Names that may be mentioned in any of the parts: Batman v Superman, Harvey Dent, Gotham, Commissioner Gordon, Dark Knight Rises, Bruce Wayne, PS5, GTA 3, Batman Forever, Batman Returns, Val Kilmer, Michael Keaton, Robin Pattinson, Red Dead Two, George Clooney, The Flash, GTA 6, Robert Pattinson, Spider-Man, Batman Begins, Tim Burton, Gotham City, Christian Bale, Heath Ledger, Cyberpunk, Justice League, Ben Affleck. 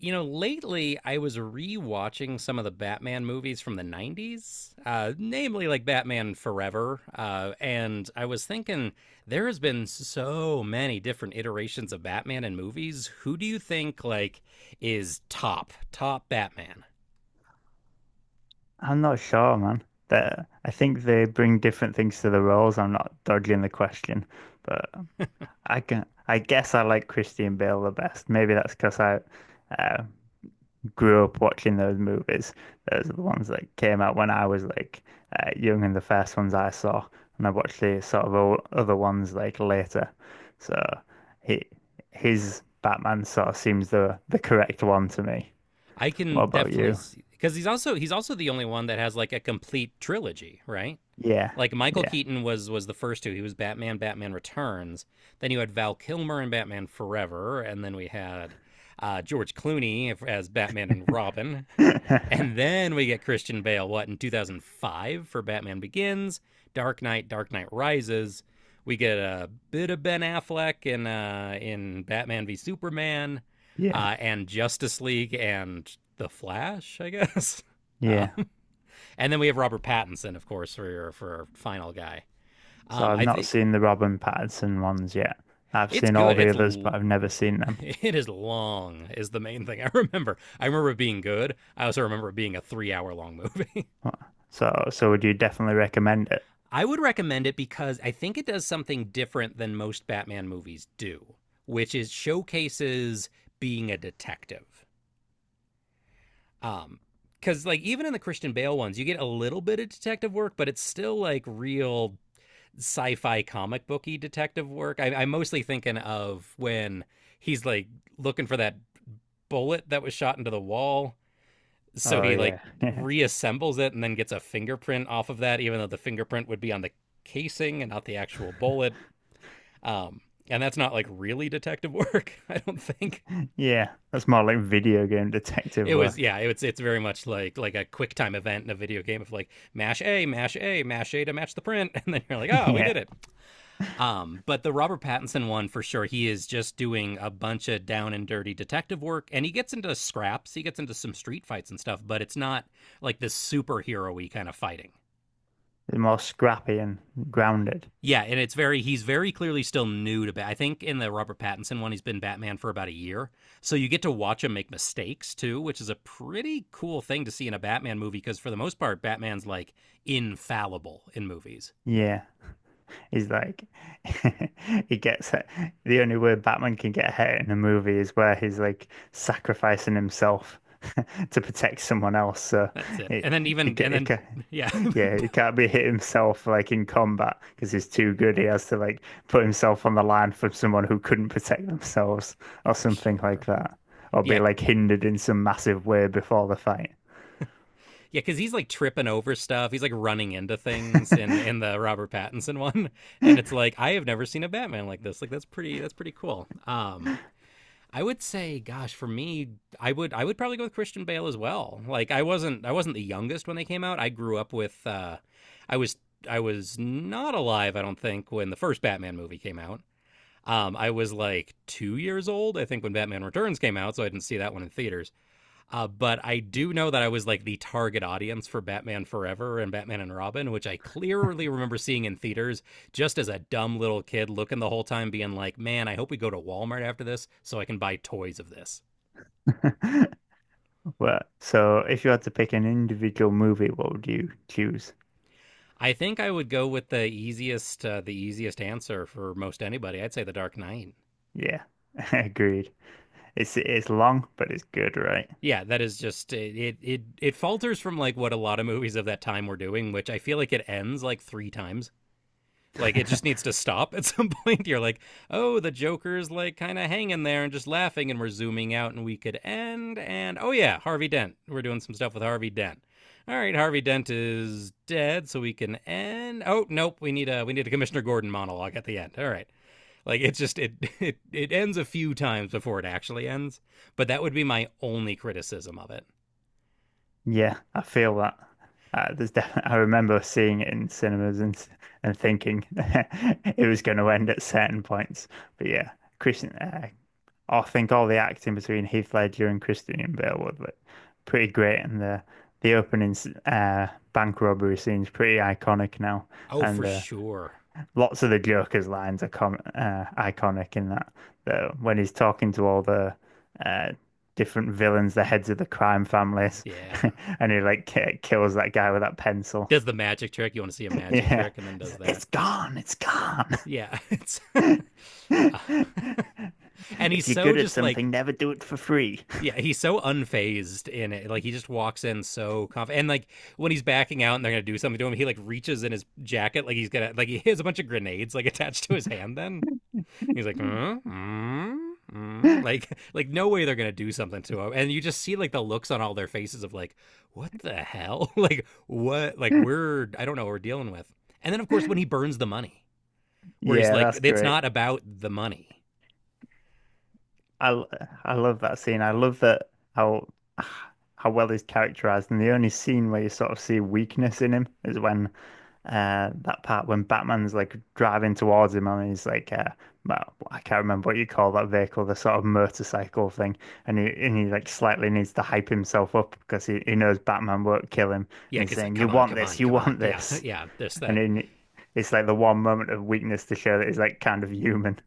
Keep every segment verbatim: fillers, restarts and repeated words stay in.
You know, lately I was re-watching some of the Batman movies from the nineties, uh, namely like Batman Forever. Uh, and I was thinking, there has been so many different iterations of Batman in movies. Who do you think, like, is top, top Batman? I'm not sure, man. That I think they bring different things to the roles. I'm not dodging the question, but I can. I guess I like Christian Bale the best. Maybe that's because I uh, grew up watching those movies. Those are the ones that came out when I was like uh, young, and the first ones I saw, and I watched the sort of o- other ones like later. So he, his Batman sort of seems the the correct one to me. I What can about definitely you? see, because he's also, he's also the only one that has like a complete trilogy, right? Yeah, Like Michael yeah, Keaton was was the first two. He was Batman, Batman Returns. Then you had Val Kilmer in Batman Forever, and then we had uh, George Clooney as Batman and Robin, and then we get Christian Bale. What in two thousand five for Batman Begins, Dark Knight, Dark Knight Rises. We get a bit of Ben Affleck in uh, in Batman v Superman, yeah. uh, and Justice League and The Flash, I guess. Uh, Yeah. and then we have Robert Pattinson, of course, for your for our final guy. So Um, I've I not think seen the Robin Pattinson ones yet. I've it's seen all good. the It's others, l- but I've never seen them. it is long is the main thing I remember. I remember it being good. I also remember it being a three hour long movie. Wha- So, so would you definitely recommend it? I would recommend it because I think it does something different than most Batman movies do, which is showcases being a detective. Um, because like even in the Christian Bale ones, you get a little bit of detective work, but it's still like real sci-fi comic booky detective work. I, I'm mostly thinking of when he's like looking for that bullet that was shot into the wall. So Oh he like yeah, yeah, reassembles it and then gets a fingerprint off of that, even though the fingerprint would be on the casing and not the actual bullet. Um, and that's not like really detective work. I don't think yeah. That's more like video game detective it was. work. Yeah, it's it's very much like like a quick time event in a video game of like mash A, mash A, mash A to match the print, and then you're like, oh, we Yeah, did it. Um, but the Robert Pattinson one for sure, he is just doing a bunch of down and dirty detective work and he gets into scraps, he gets into some street fights and stuff, but it's not like this superhero y kind of fighting. it's more scrappy and grounded. Yeah, and it's very he's very clearly still new to Bat. I think in the Robert Pattinson one he's been Batman for about a year. So you get to watch him make mistakes too, which is a pretty cool thing to see in a Batman movie because for the most part Batman's like infallible in movies. Yeah. He's like, he gets it. The only way Batman can get hit in a movie is where he's like sacrificing himself to protect someone else. So That's it. it, And then he, even ca- and he, ca- then yeah, yeah, he can't be hit himself like in combat because he's too good. He has to like put himself on the line for someone who couldn't protect themselves, or for something like sure. that, or be Yeah, like hindered in some massive way before the fight. Yeah, because he's like tripping over stuff. He's like running into things in in the Robert Pattinson one, and it's like I have never seen a Batman like this. Like that's pretty that's pretty cool. Um, I would say, gosh, for me, I would I would probably go with Christian Bale as well. Like I wasn't I wasn't the youngest when they came out. I grew up with uh, I was I was not alive. I don't think when the first Batman movie came out. Um, I was like two years old, I think, when Batman Returns came out, so I didn't see that one in theaters. Uh, but I do know that I was like the target audience for Batman Forever and Batman and Robin, which I clearly remember seeing in theaters just as a dumb little kid looking the whole time, being like, man, I hope we go to Walmart after this so I can buy toys of this. Well, so if you had to pick an individual movie, what would you choose? I think I would go with the easiest, uh, the easiest answer for most anybody. I'd say The Dark Knight. Yeah, agreed. It's it's long, but it's good, right? Yeah, that is just it, it. It it falters from like what a lot of movies of that time were doing, which I feel like it ends like three times. Like it just needs to stop at some point. You're like, oh, the Joker's like kind of hanging there and just laughing, and we're zooming out, and we could end. And oh yeah, Harvey Dent. We're doing some stuff with Harvey Dent. All right, Harvey Dent is dead, so we can end. Oh nope, we need a we need a Commissioner Gordon monologue at the end. All right, like it's just it it it ends a few times before it actually ends. But that would be my only criticism of it. Yeah, I feel that. Uh, there's definitely, I remember seeing it in cinemas and s- and thinking it was going to end at certain points. But yeah, Christian, uh, I think all the acting between Heath Ledger and Christian Bale was like, pretty great, and the the opening s- uh, bank robbery scene's pretty iconic now, Oh, and for the sure. lots of the Joker's lines are com uh, iconic in that, though, when he's talking to all the uh, different villains, the heads of the crime families, Yeah. and he like ki- kills that guy with that pencil. Does the magic trick. You want to see a magic Yeah, trick and then does it's, that. it's gone, it's gone. Yeah. It's Uh, and he's If you're so good at just like something, never do it for free. yeah, he's so unfazed in it. Like he just walks in so confident. And like when he's backing out and they're gonna do something to him, he like reaches in his jacket like he's gonna like he has a bunch of grenades like attached to his hand. Then he's like, mm, mm, mm. like like no way they're gonna do something to him. And you just see like the looks on all their faces of like, what the hell? like what? Like we're I don't know what we're dealing with. And then of course when he burns the money, where he's Yeah, like, that's it's great. not about the money. I I love that scene. I love that how how well he's characterized, and the only scene where you sort of see weakness in him is when uh that part when Batman's like driving towards him and he's like uh well, I can't remember what you call that vehicle, the sort of motorcycle thing, and he and he like slightly needs to hype himself up because he, he knows Batman won't kill him, Yeah, and he's because like, saying come you on, want come on, this, you come on. want Yeah, this, yeah, this, and that. then it's like the one moment of weakness to show that he's like kind of human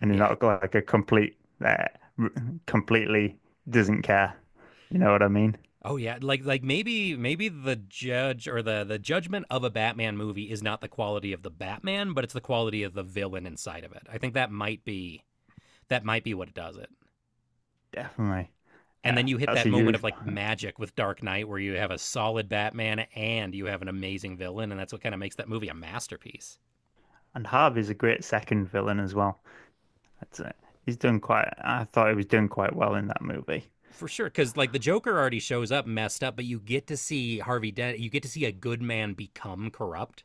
and you're Yeah. not like a complete uh, completely doesn't care. You know what I mean? Oh yeah, like like maybe maybe the judge or the the judgment of a Batman movie is not the quality of the Batman, but it's the quality of the villain inside of it. I think that might be that might be what does it. Definitely. And Uh, then you hit that's that a moment of huge. like Part. magic with Dark Knight where you have a solid Batman and you have an amazing villain and that's what kind of makes that movie a masterpiece. And Harvey's a great second villain as well. That's it. He's done quite. I thought he was doing quite well in that movie. For sure cuz like the Joker already shows up messed up, but you get to see Harvey Dent, you get to see a good man become corrupt.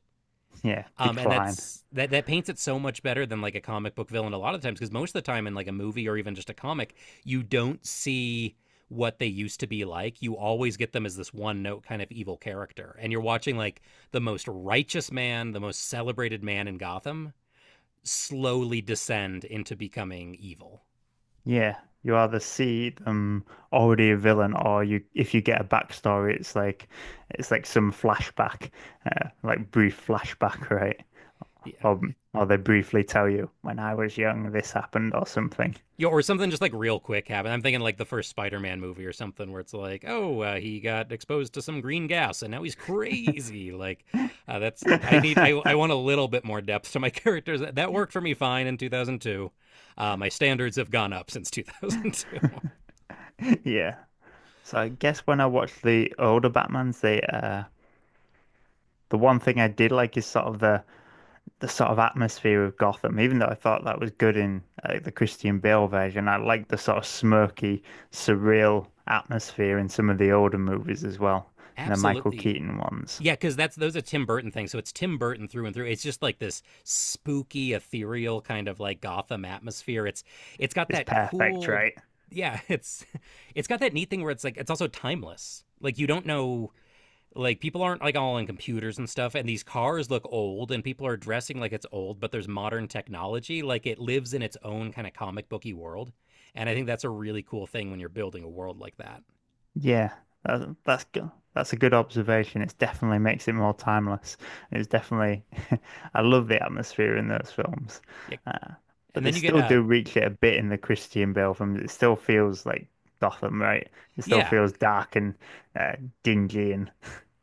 Yeah, Um, and decline. that's that that paints it so much better than like a comic book villain a lot of times because most of the time in like a movie or even just a comic, you don't see what they used to be like. You always get them as this one note kind of evil character. And you're watching like the most righteous man, the most celebrated man in Gotham slowly descend into becoming evil. Yeah, you either see them already a villain, or you if you get a backstory, it's like it's like some flashback, uh, like brief flashback, right? Yeah. Or or they briefly tell you when I was young this happened or something. Yeah, or something just like real quick happened. I'm thinking like the first Spider-Man movie or something where it's like, oh, uh, he got exposed to some green gas and now he's crazy. Like, uh, that's I need I I want a little bit more depth to my characters. That, that worked for me fine in two thousand two. Uh, my standards have gone up since two thousand two. Yeah. So I guess when I watched the older Batmans, the uh the one thing I did like is sort of the the sort of atmosphere of Gotham. Even though I thought that was good in uh, the Christian Bale version, I liked the sort of smirky, surreal atmosphere in some of the older movies as well, and the Michael Absolutely. Keaton ones. Yeah, because that's those are Tim Burton things. So it's Tim Burton through and through. It's just like this spooky, ethereal kind of like Gotham atmosphere. It's it's got It's that perfect, cool, right? yeah. It's it's got that neat thing where it's like it's also timeless. Like you don't know. Like people aren't like all on computers and stuff, and these cars look old, and people are dressing like it's old, but there's modern technology. Like it lives in its own kind of comic booky world, and I think that's a really cool thing when you're building a world like that. Yeah, that's that's good. That's a good observation. It definitely makes it more timeless. It's definitely, I love the atmosphere in those films, Yeah, uh, but and they then you get still uh do reach it a bit in the Christian Bale films. It still feels like Gotham, right? It still yeah, feels dark and uh, dingy, and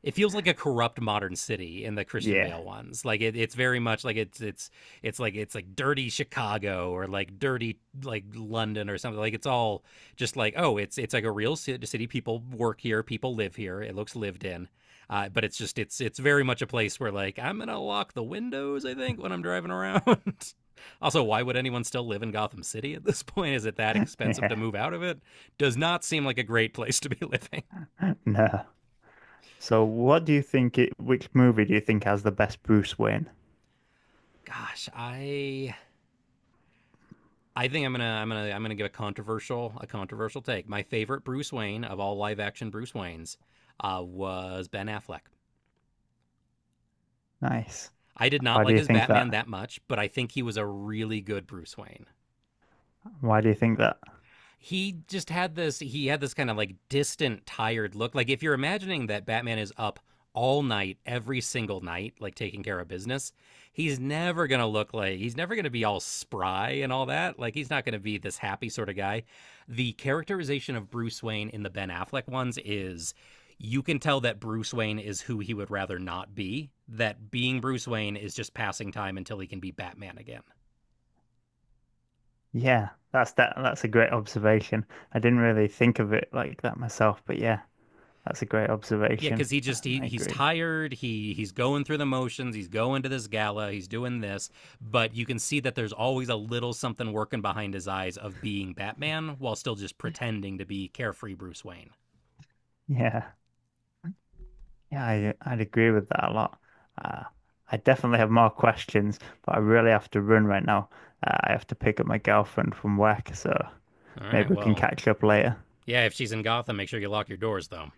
it feels like a corrupt modern city in the Christian yeah, Bale ones. Like it, it's very much like it's it's it's like it's like dirty Chicago or like dirty like London or something. Like it's all just like oh, it's it's like a real city. People work here. People live here. It looks lived in. Uh, but it's just it's it's very much a place where like I'm gonna lock the windows. I think when I'm driving around. Also, why would anyone still live in Gotham City at this point? Is it that expensive yeah, to move out of it? Does not seem like a great place to be living. no. So, what do you think it? Which movie do you think has the best Bruce Wayne? Gosh, I I think I'm gonna I'm gonna I'm gonna give a controversial a controversial take. My favorite Bruce Wayne of all live action Bruce Waynes uh, was Ben Affleck. Nice. I did not Why do like you his think Batman that? that much, but I think he was a really good Bruce Wayne. Why do you think that? He just had this he had this kind of like distant tired look. Like if you're imagining that Batman is up all night every single night like taking care of business, he's never going to look like he's never going to be all spry and all that. Like he's not going to be this happy sort of guy. The characterization of Bruce Wayne in the Ben Affleck ones is you can tell that Bruce Wayne is who he would rather not be, that being Bruce Wayne is just passing time until he can be Batman again. Yeah, that's that that's a great observation. I didn't really think of it like that myself, but yeah, that's a great Yeah, observation. because he I just he I he's agree. tired. He he's going through the motions. He's going to this gala. He's doing this, but you can see that there's always a little something working behind his eyes of being Batman while still just pretending to be carefree Bruce Wayne. Yeah. Yeah, I I'd agree with that a lot. Uh, I definitely have more questions, but I really have to run right now. Uh, I have to pick up my girlfriend from work, so All maybe right, we can well, catch up later. yeah. If she's in Gotham, make sure you lock your doors though.